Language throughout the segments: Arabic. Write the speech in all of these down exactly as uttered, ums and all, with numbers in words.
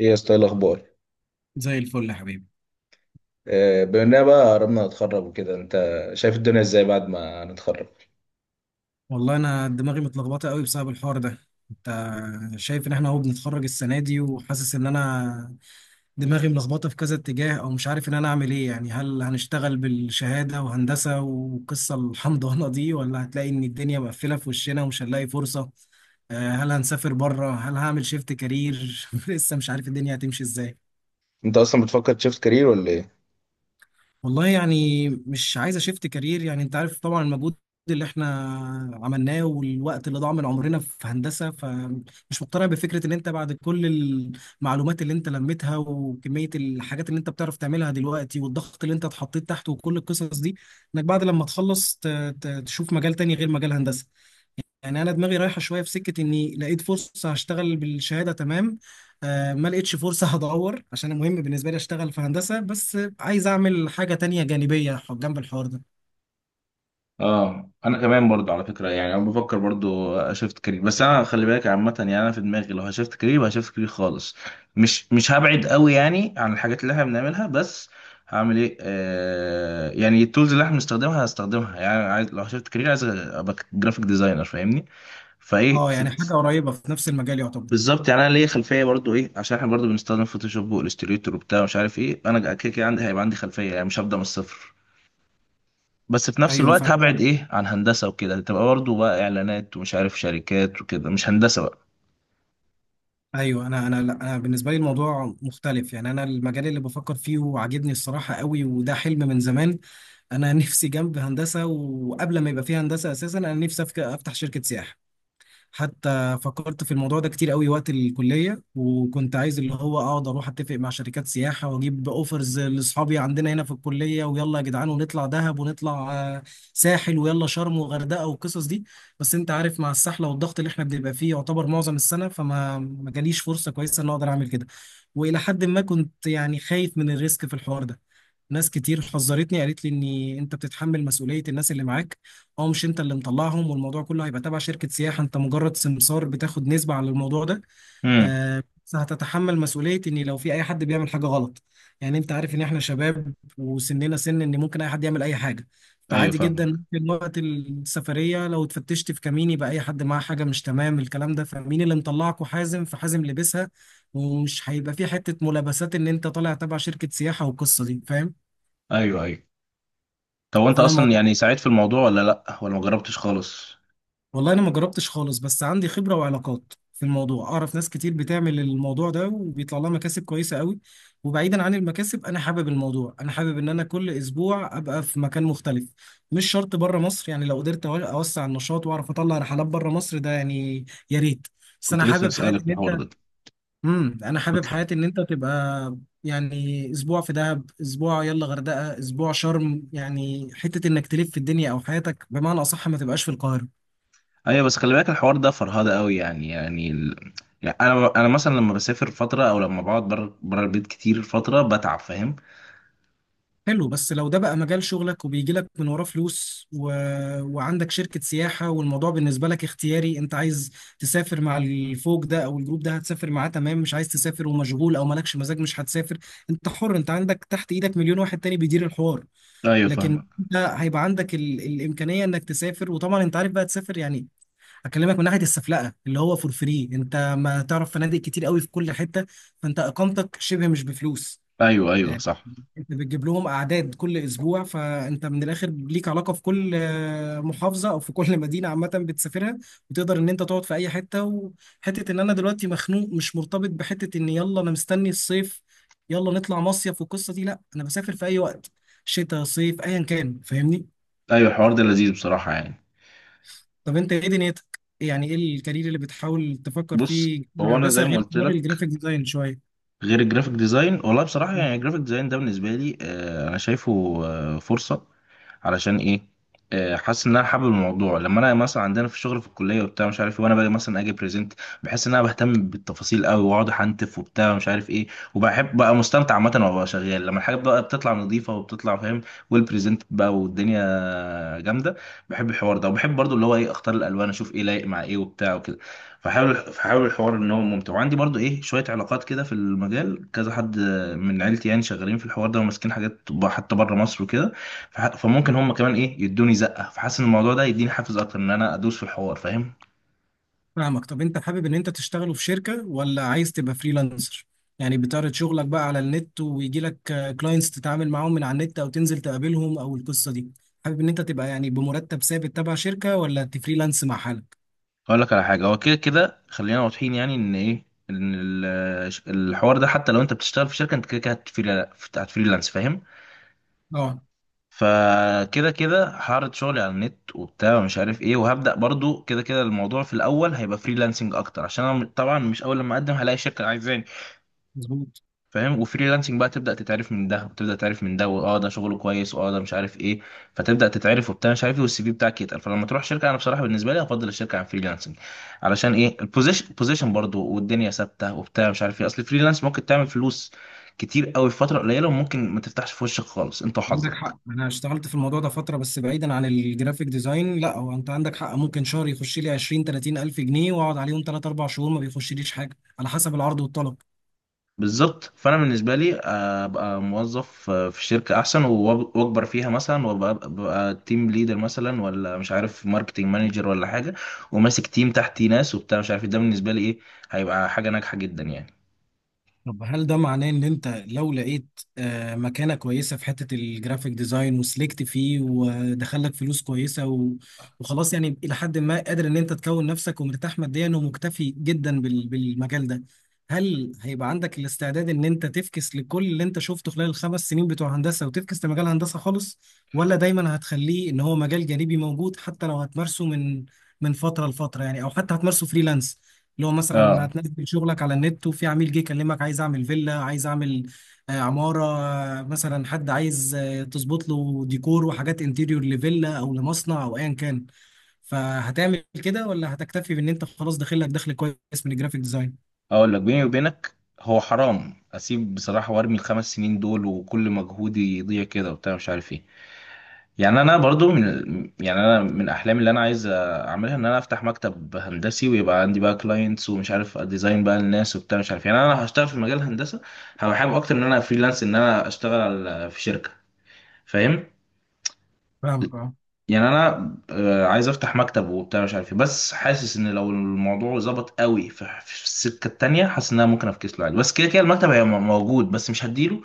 ايه يا اسطى، إيه الاخبار؟ زي الفل يا حبيبي. آه، بما اننا بقى قربنا نتخرج وكده، انت شايف الدنيا ازاي بعد ما نتخرج؟ والله انا دماغي متلخبطه قوي بسبب الحوار ده. انت شايف ان احنا اهو بنتخرج السنه دي، وحاسس ان انا دماغي ملخبطه في كذا اتجاه، او مش عارف ان انا اعمل ايه. يعني هل هنشتغل بالشهاده وهندسه وقصه الحمضانه دي، ولا هتلاقي ان الدنيا مقفله في وشنا ومش هنلاقي فرصه؟ آه، هل هنسافر بره؟ هل هعمل شيفت كارير؟ لسه مش عارف الدنيا هتمشي ازاي. انت اصلا بتفكر تشيفت كارير ولا ايه؟ والله يعني مش عايز اشفت كارير. يعني انت عارف طبعا المجهود اللي احنا عملناه والوقت اللي ضاع من عمرنا في هندسة، فمش مقتنع بفكرة ان انت بعد كل المعلومات اللي انت لميتها وكمية الحاجات اللي انت بتعرف تعملها دلوقتي والضغط اللي انت اتحطيت تحته وكل القصص دي، انك بعد لما تخلص ت- ت- تشوف مجال تاني غير مجال هندسة. يعني انا دماغي رايحه شويه في سكه اني لقيت فرصه هشتغل بالشهاده تمام. آه، ما لقيتش فرصه، هدور، عشان مهم بالنسبه لي اشتغل في هندسه، بس عايز اعمل حاجه تانية جانبيه ح- جنب الحوار ده. اه، انا كمان برضو على فكره، يعني انا بفكر برضو اشفت كارير، بس انا خلي بالك عامه، يعني انا في دماغي لو هشفت كارير يبقى هشفت كارير خالص. مش مش هبعد قوي يعني عن الحاجات اللي احنا بنعملها، بس هعمل ايه؟ آه يعني التولز اللي احنا بنستخدمها هستخدمها، يعني عايز لو هشفت كارير عايز ابقى جرافيك ديزاينر، فاهمني؟ فايه. اه، يعني حاجه قريبه في نفس المجال يعتبر. بالظبط، يعني انا ليا خلفيه برضو ايه، عشان احنا برضو بنستخدم فوتوشوب والستريتور وبتاع مش عارف ايه، انا كده كده عندي، هيبقى عندي خلفيه، يعني مش هبدا من الصفر. بس في نفس ايوه، الوقت فا هبعد ايه عن هندسه وكده، تبقى برضو بقى اعلانات ومش عارف شركات وكده، مش هندسه بقى. ايوه، انا انا لا، انا بالنسبه لي الموضوع مختلف. يعني انا المجال اللي بفكر فيه وعاجبني الصراحه قوي، وده حلم من زمان. انا نفسي جنب هندسه، وقبل ما يبقى فيه هندسه اساسا انا نفسي أفك- افتح شركه سياحه. حتى فكرت في الموضوع ده كتير قوي وقت الكلية، وكنت عايز اللي هو اقعد اروح اتفق مع شركات سياحة واجيب اوفرز لاصحابي عندنا هنا في الكلية، ويلا يا جدعان ونطلع دهب ونطلع آه، ساحل، ويلا شرم وغردقة والقصص دي. بس انت عارف، مع السحلة والضغط اللي احنا بنبقى فيه يعتبر معظم السنة، فما ما جاليش فرصة كويسة ان اقدر اعمل كده. والى حد ما كنت يعني خايف من الريسك في الحوار ده. ناس كتير حذرتني، قالت لي ان انت بتتحمل مسؤولية الناس اللي معاك، اه، مش انت اللي مطلعهم، والموضوع كله هيبقى تبع شركة سياحة، انت مجرد سمسار بتاخد نسبة على الموضوع ده. امم. آه، بس هتتحمل مسؤولية ان لو في اي حد بيعمل حاجة غلط. يعني انت عارف ان احنا شباب وسننا سن ان ممكن اي حد يعمل اي حاجة. ايوه فعادي جدا فاهمك. ممكن وقت السفرية لو اتفتشت في كمين، يبقى اي حد معاه حاجة مش تمام الكلام ده، فمين اللي مطلعكوا؟ حازم، فحازم لبسها. ومش هيبقى في حتة ملابسات ان انت طالع تبع شركة سياحة والقصة دي، فاهم. ايوه، ايوه. طب وانت فانا اصلا الموضوع يعني ساعدت في الموضوع ولا لا ولا ما جربتش خالص؟ والله انا ما جربتش خالص، بس عندي خبره وعلاقات في الموضوع، اعرف ناس كتير بتعمل الموضوع ده وبيطلع لها مكاسب كويسه قوي. وبعيدا عن المكاسب، انا حابب الموضوع، انا حابب ان انا كل اسبوع ابقى في مكان مختلف. مش شرط بره مصر، يعني لو قدرت أو- اوسع النشاط واعرف اطلع رحلات بره مصر، ده يعني يا ريت. بس كنت انا لسه حابب حياتي اسالك في ان الحوار انت، ده. امم انا كنت حابب حياتي ان انت تبقى يعني اسبوع في دهب، اسبوع يلا غردقه، اسبوع شرم، يعني حته انك تلف في الدنيا، او حياتك بمعنى اصح ما تبقاش في القاهره. ايوه بس خلي بالك الحوار ده فرهده قوي، يعني يعني ال... يعني انا انا مثلا لما بسافر فتره او لما بقعد بره بره البيت كتير فتره بتعب، فاهم؟ حلو، بس لو ده بقى مجال شغلك وبيجي لك من وراه فلوس و... وعندك شركة سياحة، والموضوع بالنسبة لك اختياري، انت عايز تسافر مع الفوج ده او الجروب ده هتسافر معاه، تمام، مش عايز تسافر ومشغول او مالكش مزاج مش هتسافر. انت حر، انت عندك تحت ايدك مليون واحد تاني بيدير الحوار. ايوه لكن فاهمك. انت هيبقى عندك ال... الامكانية انك تسافر، وطبعا انت عارف بقى تسافر. يعني اكلمك من ناحية السفلقة اللي هو فور فري، انت ما تعرف فنادق كتير قوي في كل حتة، فانت اقامتك شبه مش بفلوس. ايوه، ايوه، صح. انت بتجيب لهم اعداد كل اسبوع، فانت من الاخر ليك علاقه في كل آه، محافظه، او في كل مدينه عامه بتسافرها. وتقدر ان انت تقعد في اي حته وحته، ان انا دلوقتي مخنوق مش مرتبط بحته، ان يلا انا مستني الصيف يلا نطلع مصيف والقصه دي، لا انا بسافر في اي وقت، شتاء صيف ايا كان، فاهمني. ايوه الحوار ده لذيذ بصراحه يعني. طب انت ايه دنيتك؟ يعني ايه الكارير اللي بتحاول تفكر بص، فيه، هو انا هندسه زي ما غير قلت حوار لك، الجرافيك ديزاين شويه؟ غير الجرافيك ديزاين. والله بصراحه يعني الجرافيك ديزاين ده بالنسبه لي آه، انا شايفه آه، فرصه. علشان ايه؟ آه، حاسس ان انا حابب الموضوع، لما انا مثلا عندنا في الشغل في الكليه وبتاع مش عارف إيه، وانا باجي مثلا اجي بريزنت، بحس ان انا بهتم بالتفاصيل قوي واقعد احنتف وبتاع مش عارف ايه. وبحب بقى، مستمتع عامه وأنا شغال لما الحاجه بقى بتطلع نظيفه وبتطلع فاهم، والبريزنت بقى والدنيا جامده. بحب الحوار ده، وبحب برضو اللي هو ايه اختار الالوان، اشوف ايه لايق مع ايه وبتاع وكده. فحاول فحاول الحوار ان هو ممتع، وعندي برضو ايه شويه علاقات كده في المجال، كذا حد من عيلتي يعني شغالين في الحوار ده وماسكين حاجات حتى بره مصر وكده. فح- فممكن هم كمان ايه يدوني زقه، فحاسس ان الموضوع ده يديني حافز اكتر ان انا ادوس في الحوار، فاهم؟ فاهمك. طب انت حابب ان انت تشتغله في شركة ولا عايز تبقى فريلانسر؟ يعني بتعرض شغلك بقى على النت ويجي لك كلاينتس تتعامل معاهم من على النت، او تنزل تقابلهم، او القصة دي؟ حابب ان انت تبقى يعني بمرتب ثابت تبع شركة، ولا تفريلانس مع حالك؟ اقول لك على حاجه، هو كده كده خلينا واضحين، يعني ان ايه، ان ال- الحوار ده حتى لو انت بتشتغل في شركه انت كده كده هتفريلا- هتفريلانس، فاهم؟ اه، فكده كده هعرض شغلي على النت وبتاع ومش عارف ايه، وهبدا برضو كده كده، الموضوع في الاول هيبقى فريلانسنج اكتر، عشان انا طبعا مش اول لما اقدم هلاقي شركه عايزاني، مظبوط. فاهم؟ وفريلانسنج بقى، تبدا تتعرف من ده وتبدا تعرف من ده، واه ده شغله كويس، واه ده مش عارف ايه، فتبدا تتعرف وبتاع مش عارف ايه، والسي في بتاعك يتقل، فلما تروح شركه. انا بصراحه بالنسبه لي، افضل الشركه عن فريلانسنج. علشان ايه؟ البوزيشن بوزيشن برضه، والدنيا ثابته وبتاع مش عارف ايه، اصل الفريلانس ممكن تعمل فلوس كتير قوي في فتره قليله، وممكن ما تفتحش في وشك خالص، انت عندك حق، وحظك. انا اشتغلت في الموضوع ده فترة، بس بعيدا عن الجرافيك ديزاين. لا هو انت عندك حق، ممكن شهر يخش لي عشرين تلاتين الف جنيه واقعد عليهم تلاتة اربع شهور ما بيخشليش حاجة، على حسب العرض والطلب. بالظبط، فانا بالنسبه لي آه، ابقى موظف آه، في شركه احسن، وأب- واكبر فيها مثلا، وابقى أبقى تيم ليدر مثلا، ولا مش عارف ماركتنج مانجر، ولا حاجه، وماسك تيم تحتي ناس وبتاع مش عارف إيه. ده بالنسبه لي ايه، هيبقى حاجه ناجحه جدا يعني. طب هل ده معناه ان انت لو لقيت آه، مكانة كويسة في حتة الجرافيك ديزاين وسلكت فيه ودخلك فلوس كويسة و- وخلاص، يعني الى حد ما قادر ان انت تكون نفسك ومرتاح ماديا ومكتفي جدا بال- بالمجال ده، هل هيبقى عندك الاستعداد ان انت تفكس لكل اللي انت شفته خلال الخمس سنين بتوع هندسة وتفكس لمجال هندسة خالص؟ ولا دايما هتخليه ان هو مجال جانبي موجود حتى لو هتمارسه من من فترة لفترة، يعني، او حتى هتمارسه فريلانس. اللي هو مثلا اه، هتنزل شغلك على النت وفي عميل جه يكلمك عايز اعمل فيلا، عايز اعمل آه، عمارة، آه، مثلا حد عايز آه، تظبط له ديكور وحاجات انتيريور لفيلا او لمصنع او ايا كان، فهتعمل كده؟ ولا هتكتفي بان انت خلاص داخل لك دخل كويس من الجرافيك ديزاين؟ اقول لك بيني وبينك، هو حرام اسيب بصراحه وارمي الخمس سنين دول وكل مجهودي يضيع كده وبتاع مش عارف ايه. يعني انا برضو من، يعني انا من احلامي اللي انا عايز اعملها ان انا افتح مكتب هندسي، ويبقى عندي بقى كلاينتس ومش عارف ديزاين بقى الناس وبتاع مش عارف، يعني انا هشتغل في مجال الهندسه، هبقى حابب اكتر ان انا فريلانس ان انا اشتغل على- في شركه، فاهم؟ فاهمك، اه. يعني انا آه، عايز افتح مكتب وبتاع مش عارف إيه. بس حاسس ان لو الموضوع ظبط قوي في في السكه التانيه، حاسس ان انا ممكن افكس له عادي، بس كده كده المكتب هيبقى موجود، بس مش هديله،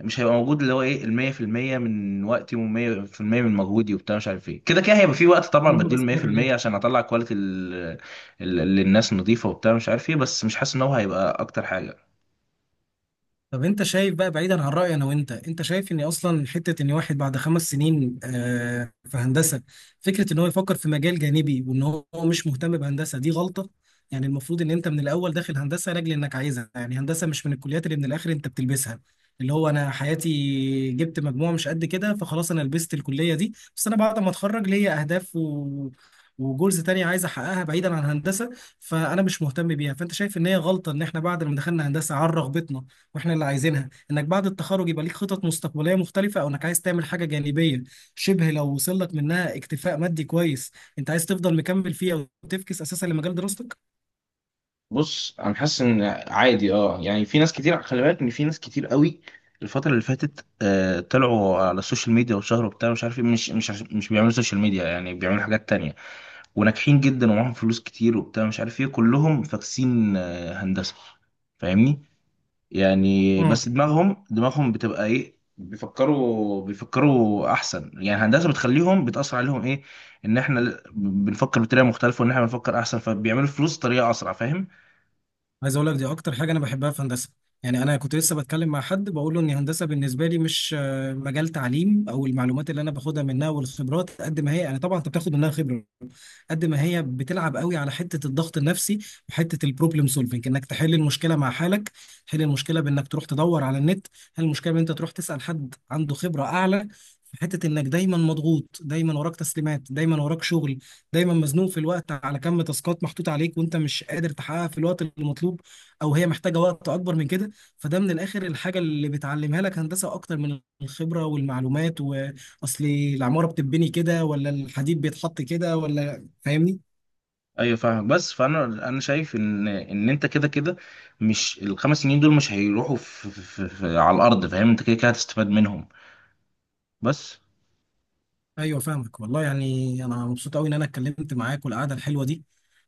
مش هيبقى موجود اللي هو ايه ال مية في المية من وقتي و100% من مجهودي وبتاع مش عارف ايه، كده كده هيبقى في وقت ده طبعا اللي أنا بديله بسألك عليه. مية في المية عشان اطلع كواليتي ال- ال- اللي الناس نظيفه وبتاع مش عارف ايه، بس مش حاسس ان هو هيبقى اكتر حاجه. طب انت شايف بقى، بعيدا عن رأيي انا وانت، انت شايف ان اصلا حتة ان واحد بعد خمس سنين آه، في هندسة، فكرة ان هو يفكر في مجال جانبي وان هو مش مهتم بهندسة، دي غلطة؟ يعني المفروض ان انت من الاول داخل هندسة لاجل انك عايزها، يعني هندسة مش من الكليات اللي من الاخر انت بتلبسها، اللي هو انا حياتي جبت مجموع مش قد كده، فخلاص انا لبست الكلية دي. بس انا بعد ما اتخرج ليا اهداف و... وجولز تانية عايز احققها بعيدا عن هندسة، فانا مش مهتم بيها. فانت شايف ان هي غلطة، ان احنا بعد ما دخلنا هندسة عن رغبتنا واحنا اللي عايزينها، انك بعد التخرج يبقى ليك خطط مستقبليه مختلفه، او انك عايز تعمل حاجه جانبيه شبه، لو وصل لك منها اكتفاء مادي كويس، انت عايز تفضل مكمل فيه او تفكس اساسا لمجال دراستك؟ بص انا حاسس ان عادي اه، يعني في ناس كتير خلي بالك، ان في ناس كتير قوي الفترة اللي فاتت آه، طلعوا على السوشيال ميديا وشهروا بتاع مش عارف ايه، مش مش عش- مش بيعملوا سوشيال ميديا يعني، بيعملوا حاجات تانية وناجحين جدا ومعاهم فلوس كتير وبتاع مش عارف ايه، كلهم فاكسين آه، هندسة، فاهمني؟ يعني بس مم. دماغهم دماغهم بتبقى ايه، بيفكروا بيفكروا احسن، يعني الهندسه بتخليهم، بتاثر عليهم ايه، ان احنا ل- بنفكر بطريقه مختلفه، وان احنا بنفكر احسن، فبيعملوا فلوس بطريقه اسرع، فاهم؟ عايز اقول لك، دي اكتر حاجه انا بحبها في هندسه. يعني انا كنت لسه بتكلم مع حد بقول له ان هندسه بالنسبه لي مش آه، مجال تعليم، او المعلومات اللي انا باخدها منها والخبرات. قد ما هي انا طبعا انت بتاخد منها خبره، قد ما هي بتلعب قوي على حته الضغط النفسي، وحته البروبلم سولفنج انك تحل المشكله مع حالك، تحل المشكله بانك تروح تدور على النت. هل المشكله ان انت تروح تسال حد عنده خبره اعلى؟ في حته انك دايما مضغوط، دايما وراك تسليمات، دايما وراك شغل، دايما مزنوق في الوقت، على كم تاسكات محطوط عليك وانت مش قادر تحققها في الوقت المطلوب، او هي محتاجه وقت اكبر من كده. فده من الاخر الحاجه اللي بتعلمها لك هندسه، اكتر من الخبره والمعلومات، واصل العماره بتتبني كده ولا الحديد بيتحط كده ولا، فاهمني. ايوه فاهم، بس فانا انا شايف ان ان انت كده كده مش الخمس سنين دول مش هيروحوا في في في في على الارض، فاهم؟ انت كده كده هتستفاد منهم بس. ايوه فاهمك. والله يعني انا مبسوط قوي ان انا اتكلمت معاك والقعده الحلوه دي،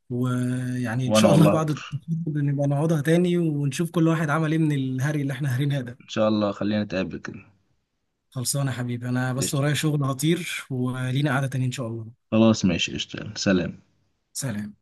ويعني ان وانا شاء الله والله بعد اكتر. التخرج نبقى نقعدها تاني ونشوف كل واحد عمل ايه من الهري اللي احنا هارينها ده. ان شاء الله خلينا نتقابل كده. خلصانه يا حبيبي، انا بس قشطة. ورايا شغل هطير، ولينا قعده تاني ان شاء الله. خلاص ماشي، قشطة، سلام. سلام.